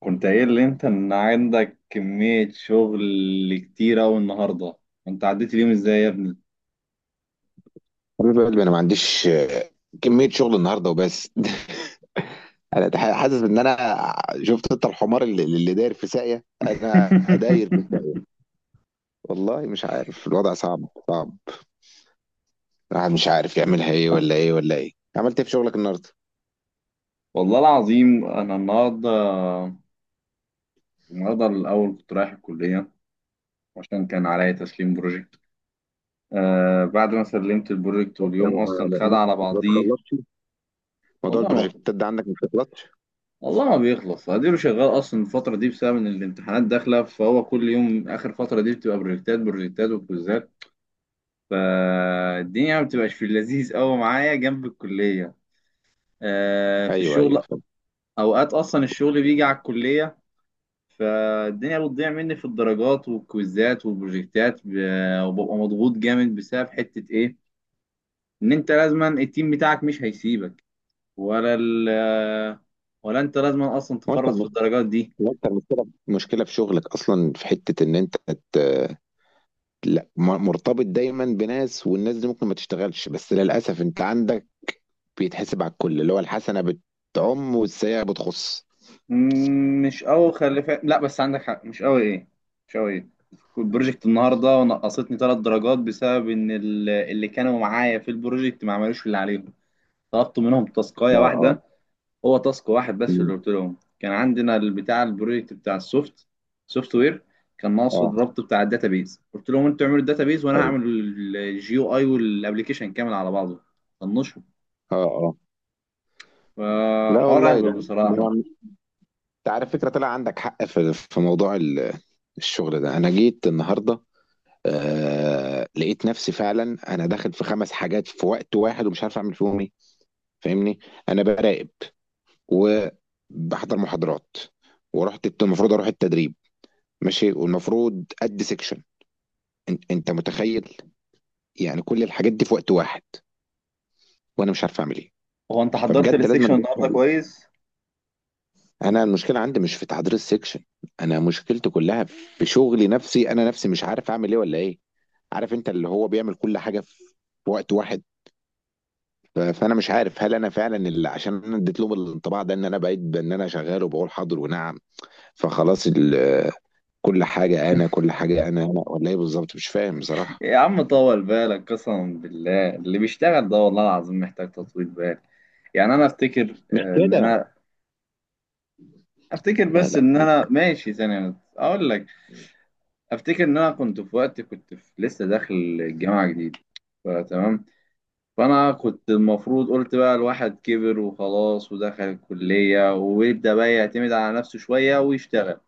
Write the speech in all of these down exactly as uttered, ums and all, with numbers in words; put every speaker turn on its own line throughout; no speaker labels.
كنت قايل لي انت ان عندك كمية شغل كتير اوي النهاردة. انت عديت اليوم ازاي يا ابني؟
حبيب قلبي، انا ما عنديش آه، كميه شغل النهارده وبس. انا تح- حاسس ان انا شفت انت الحمار اللي, اللي داير في ساقيه، انا داير في ساقيه. والله مش عارف، الوضع صعب صعب. الواحد مش عارف يعملها ايه ولا ايه ولا ايه. عملت ايه في شغلك النهارده؟
والله العظيم انا النهاردة النهاردة الاول كنت رايح الكلية عشان كان عليا تسليم بروجكت. آه بعد ما سلمت البروجكت، واليوم اصلا
ما
خد
ما-
على
ما
بعضيه.
تخلصش، موضوع
والله ما
البروجكتات ده عندك ما بتخلصش.
والله ما بيخلص. اديله شغال اصلا الفترة دي بسبب ان الامتحانات داخلة، فهو كل يوم اخر فترة دي بتبقى بروجكتات بروجكتات وكويزات. فالدنيا ما بتبقاش في اللذيذ قوي معايا جنب الكلية، آه، في
ايوه ايوه،
الشغل.
فاهم.
أوقات أصلا الشغل بيجي على الكلية، فالدنيا بتضيع مني في الدرجات والكويزات والبروجكتات، ب- وببقى مضغوط جامد بسبب حتة إيه؟ إن أنت لازما التيم بتاعك مش هيسيبك، ولا ال ولا أنت لازما أصلا
هو انت
تفرط في
الم-
الدرجات دي.
هو انت المشكله مشكله في شغلك اصلا، في حته ان انت ت- لا م- مرتبط دايما بناس، والناس دي ممكن ما تشتغلش، بس للاسف انت عندك بيتحسب على الكل، اللي هو الحسنة بتعم والسيئة بتخص.
مم، مش قوي، خلي فا... لا بس عندك حق. مش قوي ايه مش قوي ايه. البروجكت النهارده نقصتني ثلاث درجات بسبب ان ال- اللي كانوا معايا في البروجكت ما عملوش اللي عليهم. طلبت منهم تاسكايه
اه اه.
واحده، هو تاسك واحد بس.
مم.
اللي قلت لهم كان عندنا البتاع البروجكت بتاع السوفت سوفت وير، كان ناقصه
اه،
الربط بتاع الداتابيز. قلت لهم انتوا اعملوا الداتابيز وانا
ايوه.
هعمل الجيو اي والابلكيشن كامل على بعضه. طنشوا.
اه اه. لا
فحوار
والله،
اهبل
ده ده
بصراحه.
أنا- انت عارف فكرة، طلع عندك حق في في موضوع ال- الشغل ده. انا جيت النهاردة آه لقيت نفسي فعلا انا داخل في خمس حاجات في وقت واحد، ومش عارف اعمل فيهم ايه. فاهمني، انا براقب وبحضر محاضرات، ورحت الت- المفروض اروح التدريب، ماشي، والمفروض ادي سيكشن. انت أنت متخيل يعني كل الحاجات دي في وقت واحد، وانا مش عارف اعمل ايه.
هو انت حضرت
فبجد لازم أنا
السكشن
أشوف
النهارده
حل.
كويس؟
انا المشكله عندي مش في تحضير السكشن، انا مشكلتي كلها في شغلي نفسي، انا نفسي مش عارف اعمل ايه ولا ايه. عارف انت اللي هو بيعمل كل حاجه في وقت واحد. ف- فانا مش عارف هل انا فعلا اللي، عشان انا اديت لهم الانطباع ده ان انا بقيت بان انا شغال وبقول حاضر ونعم، فخلاص ال- كل حاجه انا، كل حاجه انا انا ولا ايه بالظبط، مش فاهم بصراحه.
يا عم طول بالك، قسما بالله اللي بيشتغل ده والله العظيم محتاج تطويل بال. يعني انا افتكر،
مش
آه، ان
كده.
انا افتكر،
لا
بس
لا،
ان
مش
انا ماشي ثانية اقول لك افتكر ان انا كنت في وقت، كنت في لسه داخل الجامعة جديد. فتمام، فانا كنت المفروض قلت بقى الواحد كبر وخلاص ودخل الكلية ويبدأ بقى يعتمد على نفسه شوية ويشتغل.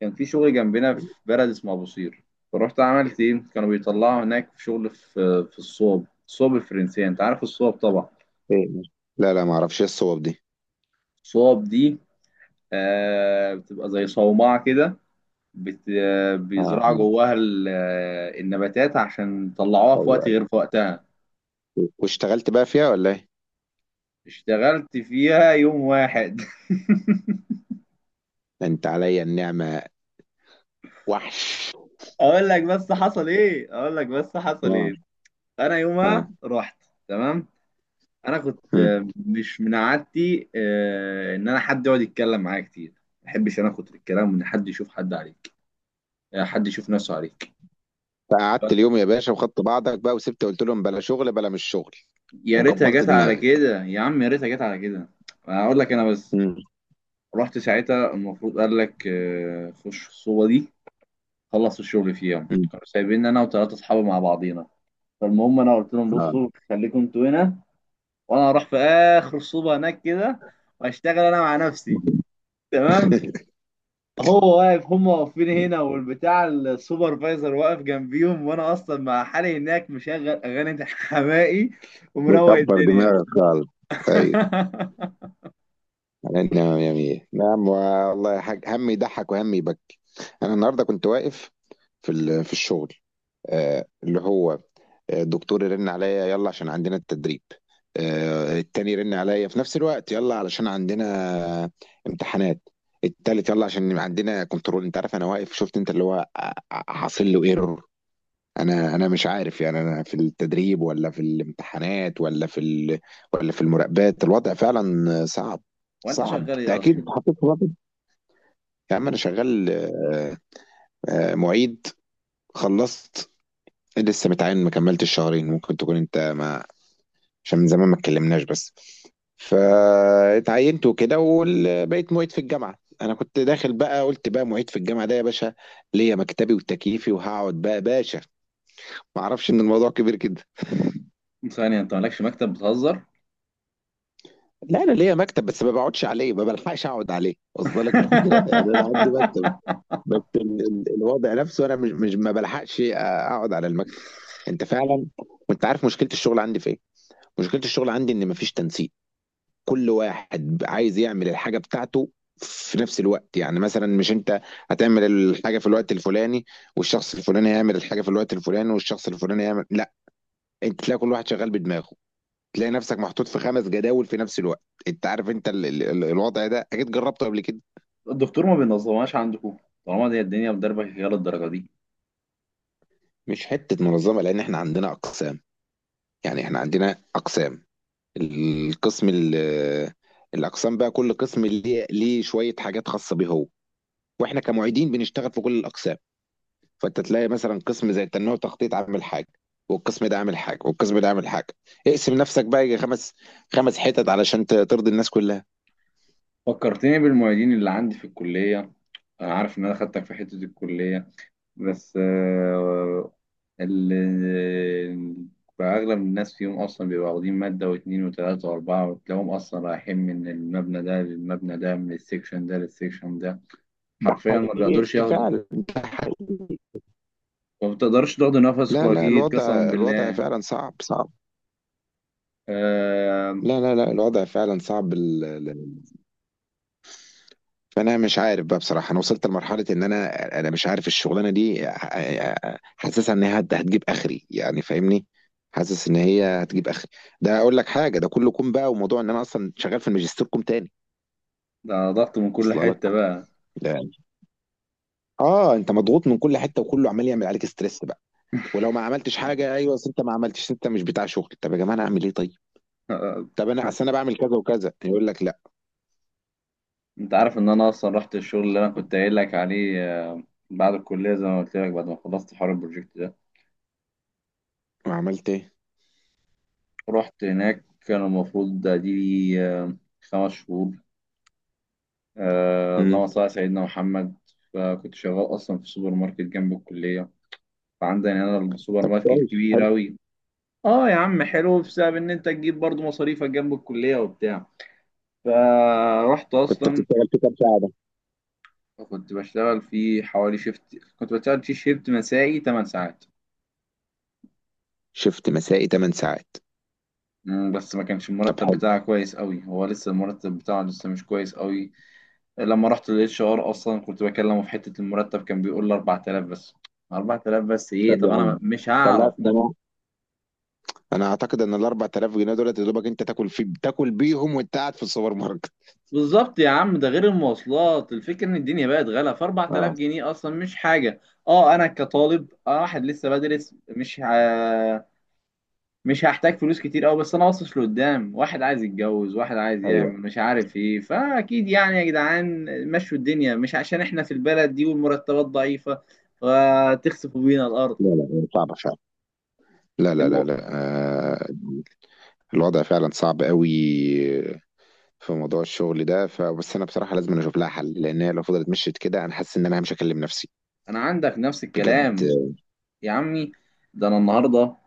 كان في شغل جنبنا في بلد اسمه أبو قير، فرحت عملت إيه؟ كانوا بيطلعوا هناك في شغل في في الصوب الصوب الفرنسية. أنت عارف الصوب طبعا؟
إيه، مش- لا لا، ما اعرفش ايه الصواب دي.
الصوب دي آه بتبقى زي صومعة كده. بت... آه،
اه
بيزرعوا
آه.
جواها ال- آه، النباتات عشان يطلعوها في وقت
ايوه.
غير في وقتها.
أيوة، واشتغلت بقى فيها ولا ايه؟
اشتغلت فيها يوم واحد.
ده انت عليا النعمة وحش.
اقول لك بس حصل ايه اقول لك بس حصل
اه
ايه. انا يومها
اه.
رحت، تمام. انا كنت
مم.
آه، مش من عادتي، آه، ان انا حد يقعد يتكلم معايا كتير. ما بحبش انا اخد الكلام وان حد يشوف حد عليك، آه، حد يشوف نفسه عليك.
فقعدت
ف-
اليوم يا باشا وخدت بعضك بقى وسبت، قلت لهم بلا شغل بلا مش شغل،
يا ريتها
وكبرت
جت على
دماغك.
كده يا عم، يا ريتها جت على كده. اقول لك انا بس،
مم.
رحت ساعتها المفروض قال لك آه، خش الصوبه دي. خلص الشغل في يوم
مم.
كانوا سايبين انا وثلاثه اصحابي مع بعضينا. فالمهم انا قلت لهم
اه.
بصوا خليكم انتوا هنا، وانا هروح في اخر صوبه هناك كده واشتغل انا مع نفسي، تمام. هو واقف، هم واقفين هنا، والبتاع السوبرفايزر واقف جنبيهم، وانا اصلا مع حالي هناك مشغل اغاني حماقي ومروق
مكبر
الدنيا.
دماغك خالص. ايوه، على النعمة يا مية نعم، والله يا حاج هم يضحك وهم يبكي. انا النهارده كنت واقف في ال- في الشغل، آه، اللي هو الدكتور يرن عليا يلا عشان عندنا التدريب، آه، التاني يرن عليا في نفس الوقت يلا علشان عندنا امتحانات، التالت يلا عشان عندنا كنترول. انت عارف انا واقف، شفت انت اللي هو ع- ع- حاصل له ايرور. انا انا مش عارف يعني، انا في التدريب ولا في الامتحانات ولا في ال... ولا في المراقبات. الوضع فعلا صعب
وانت
صعب،
شغال ايه
تأكيد
اصلا؟
اتحطيت في وضع. يا عم انا شغال آه، آه، معيد، خلصت لسه متعين ما كملتش شهرين، ممكن تكون انت ما، عشان من زمان ما اتكلمناش بس، فاتعينت وكده وبقيت معيد في الجامعه. انا كنت داخل بقى قلت بقى معيد في الجامعه ده يا باشا، ليا مكتبي وتكييفي وهقعد بقى باشا، ما اعرفش ان الموضوع كبير كده.
ثانية، انت مالكش مكتب، بتهزر؟
لا انا ليا مكتب بس ما بقعدش عليه، ما بلحقش اقعد عليه. وصل لك الفكره؟ يعني انا عندي مكتب بس ال- ال- الوضع نفسه انا مش مش ما بلحقش اقعد على المكتب. انت فعلا، وانت عارف مشكله الشغل عندي في ايه؟ مشكله الشغل عندي ان مفيش تنسيق، كل واحد عايز يعمل الحاجة بتاعته في نفس الوقت. يعني مثلا مش انت هتعمل الحاجة في الوقت الفلاني والشخص الفلاني هيعمل الحاجة في الوقت الفلاني والشخص الفلاني هيعمل، لا، انت تلاقي كل واحد شغال بدماغه، تلاقي نفسك محطوط في خمس جداول في نفس الوقت. انت عارف انت ال... ال... ال- الوضع ده اكيد جربته قبل كده.
الدكتور ما بينظمهاش عندكم؟ طالما دي الدنيا مدربة كده للدرجة دي.
مش حتة منظمة لان احنا عندنا اقسام، يعني احنا عندنا اقسام، القسم ال... الاقسام بقى كل قسم ليه ليه شوية حاجات خاصة بيه هو، واحنا كمعيدين بنشتغل في كل الاقسام. فانت تلاقي مثلا قسم زي التنميه والتخطيط عامل حاجه، والقسم ده عامل حاجه، والقسم ده عامل حاجه. اقسم نفسك بقى يجي خمس خمس حتت علشان ت- ترضي الناس كلها.
فكرتني بالمعيدين اللي عندي في الكلية. انا عارف ان انا خدتك في حتة الكلية، بس آه، ال- بقى أغلب الناس فيهم أصلا بيبقوا واخدين مادة واتنين وتلاتة وأربعة، وتلاقيهم أصلا رايحين من المبنى ده للمبنى ده، من السكشن ده للسكشن ده.
ده
حرفيا ما بيقدرش
حقيقي
ياخد،
فعلا، ده حقيقي.
ما بتقدرش تاخد نفسك
لا لا،
أكيد
الوضع
قسما
الوضع
بالله.
فعلا صعب صعب.
آه،
لا لا لا، الوضع فعلا صعب. ال- ال- ال- فانا مش عارف بقى بصراحه، انا وصلت لمرحله ان انا، انا مش عارف الشغلانه دي ح- حاسسها ان هي هت- هتجيب اخري يعني، فاهمني، حاسس ان هي هتجيب اخري. ده اقول لك حاجه، ده كله كوم بقى، وموضوع ان انا اصلا شغال في الماجستير كوم تاني.
ده ضغط من كل
اصل
حتة
لك
بقى.
يعني، اه انت مضغوط من كل حته وكله عمال يعمل عليك ستريس بقى. ولو ما عملتش حاجه، ايوه أصل انت ما عملتش، انت مش بتاع شغل. طب يا جماعه انا اعمل ايه طيب؟
آه،
طب انا اصل انا بعمل كذا وكذا، يقول لك لا.
أنت عارف إن أنا أصلا رحت الشغل اللي أنا كنت قايل لك عليه؟ آه، بعد الكلية زي ما قلت لك، بعد ما خلصت حوار البروجكت ده،
ما عملت ايه؟
رحت هناك. كان المفروض ده دي، آه، خمس شهور. آه،
امم.
اللهم صل على سيدنا محمد. فكنت شغال أصلا في سوبر ماركت جنب الكلية. فعندنا هنا السوبر ماركت
كويس،
كبير
حلو.
أوي. اه يا عم حلو، بسبب ان انت تجيب برضو مصاريفك جنب الكلية وبتاع. فرحت
كنت
اصلا،
بتشتغل في كام ساعه ده؟
كنت بشتغل في حوالي شيفت كنت بشتغل في شيفت مسائي ثمان ساعات.
شفت مسائي 8 ساعات.
مم، بس ما كانش
طب
المرتب
حلو.
بتاعها كويس قوي، هو لسه المرتب بتاعه لسه مش كويس قوي. لما رحت للاتش ار اصلا كنت بكلمه في حته المرتب، كان بيقول لي اربعتلاف بس. اربعتلاف بس ايه؟
طب
طب
يا
انا
عم
مش
طلع
هعرف.
ده، انا انا اعتقد ان ال اربعة آلاف جنيه دولت يا دوبك انت تاكل، في تاكل بيهم وانت قاعد في السوبر ماركت.
بالظبط يا عم، ده غير المواصلات. الفكره ان الدنيا بقت غلا، ف 4000
اه.
جنيه اصلا مش حاجه. اه انا كطالب، آه واحد لسه بدرس، مش ه... مش هحتاج فلوس كتير قوي، بس انا باصص لقدام. واحد عايز يتجوز، واحد عايز
ايوه.
يعمل مش عارف ايه، فاكيد يعني يا جدعان. مشوا الدنيا، مش عشان احنا في البلد دي والمرتبات ضعيفه فتخسفوا بينا الارض.
لا لا، صعبه فعلا. لا لا
الم...
لا لا، آه الوضع فعلا صعب قوي في موضوع الشغل ده. فبس انا بصراحه لازم اشوف لها حل، لان هي لو فضلت مشيت كده، انا حاسس ان انا مش هكلم نفسي.
انا عندك نفس
بجد.
الكلام يا عمي. ده انا النهارده،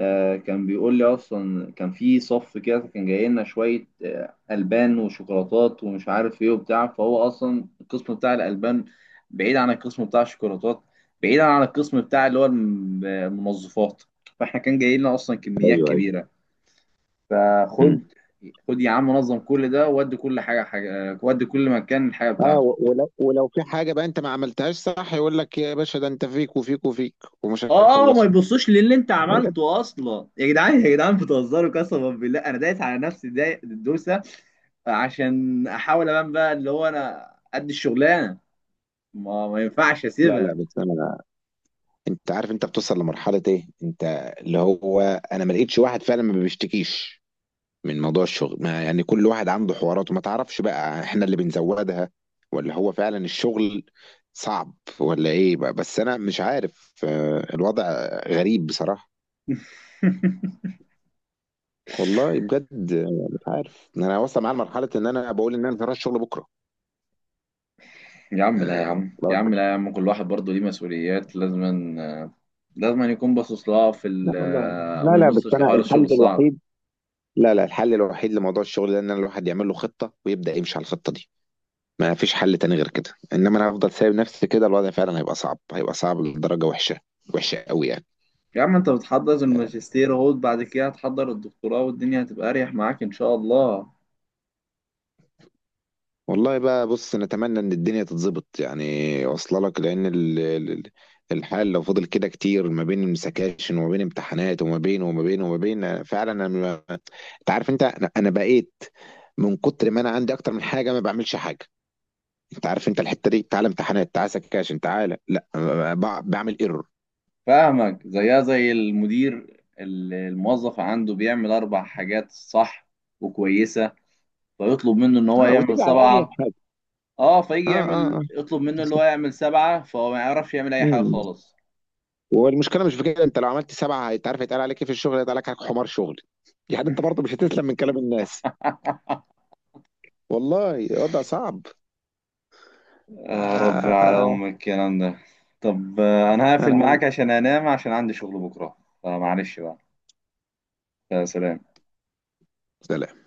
آه، كان بيقول لي اصلا كان في صف كده، كان جاي لنا شويه آه، البان وشوكولاتات ومش عارف ايه وبتاع، فهو اصلا القسم بتاع الالبان بعيد عن القسم بتاع الشوكولاتات، بعيد عن القسم بتاع اللي هو الم- المنظفات. فاحنا كان جاي لنا اصلا كميات
ايوه ايوه.
كبيره. فخد
مم.
خد يا عم نظم كل ده، ودي كل حاجه حاجه، آه، ودي كل مكان الحاجه
اه،
بتاعته.
و- ولو ولو في حاجه بقى انت ما عملتهاش صح، يقول لك يا باشا ده انت فيك وفيك وفيك، ومش
اه، ما
هيخلصوا.
يبصوش للي انت
بجد.
عملته اصلا. يا جدعان يا جدعان بتهزروا، قسما بالله انا دايس على نفسي، داي- الدوسه عشان احاول ابان بقى اللي هو انا قد الشغلانه. ما ما ينفعش
لا لا،
اسيبها.
بس انا، انت عارف انت بتوصل لمرحله ايه، انت اللي هو، انا ما لقيتش واحد فعلا ما بيشتكيش من موضوع الشغل. ما يعني كل واحد عنده حواراته، ما تعرفش بقى احنا اللي بنزودها ولا هو فعلا الشغل صعب ولا ايه بقى، بس انا مش عارف آه، الوضع غريب بصراحة. والله بجد آه، مش عارف، إن انا واصل معايا لمرحلة ان انا بقول ان انا مش هروح الشغل بكرة.
يا عم لا، يا
آه،
عم، يا
خلاص.
عم لا، يا عم كل واحد برضه ليه مسؤوليات. لازم لازم يكون باصص لها في ال
لا والله، لا
وما
لا، بس
يبصش
انا
لحوار الشغل
الحل
الصعب.
الوحيد، لا لا، الحل الوحيد لموضوع الشغل ده ان الواحد يعمل له خطة ويبدأ يمشي على الخطة دي. ما فيش حل تاني غير كده، انما انا هفضل سايب نفسي كده الوضع فعلا هيبقى صعب، هيبقى صعب لدرجة وحشة، وحشة قوي يعني.
يا عم انت بتحضر الماجستير اهو، بعد كده هتحضر الدكتوراه، والدنيا هتبقى اريح معاك ان شاء الله.
والله بقى بص نتمنى ان الدنيا تتظبط يعني، واصله لك، لان ال- ال- الحال لو فضل كده كتير ما بين سكاشن وما بين امتحانات وما بين وما بين وما بين، فعلا انا ما- انت عارف انت، انا أنا بقيت من كتر ما انا عندي اكتر من حاجه ما بعملش حاجه. انت عارف انت الحته دي، تعالى امتحانات، تعالى سكاشن، تعالى لا، ب- بعمل ايرور.
فاهمك، زيها زي المدير اللي الموظف عنده بيعمل اربع حاجات صح وكويسه، فيطلب منه ان هو
اه
يعمل
وتيجي على اي
سبعه.
حاجه.
اه فيجي
اه
يعمل،
اه
يطلب منه اللي هو يعمل سبعه، فهو ما يعرفش يعمل اي حاجه
اه.
خالص.
والمشكله مش في كده، انت لو عملت سبعه انت عارف هيتقال عليك ايه في الشغل؟ هيتقال عليك حمار شغل. يعني انت برضه مش هتسلم من كلام الناس. والله وضع صعب. آه
يا ربي
آه،
على
آه، آه.
ام الكلام ده. طب آه، انا هقفل
انا عم.
معاك عشان انام عشان عندي شغل بكره. فمعلش بقى. يا سلام.
سلام.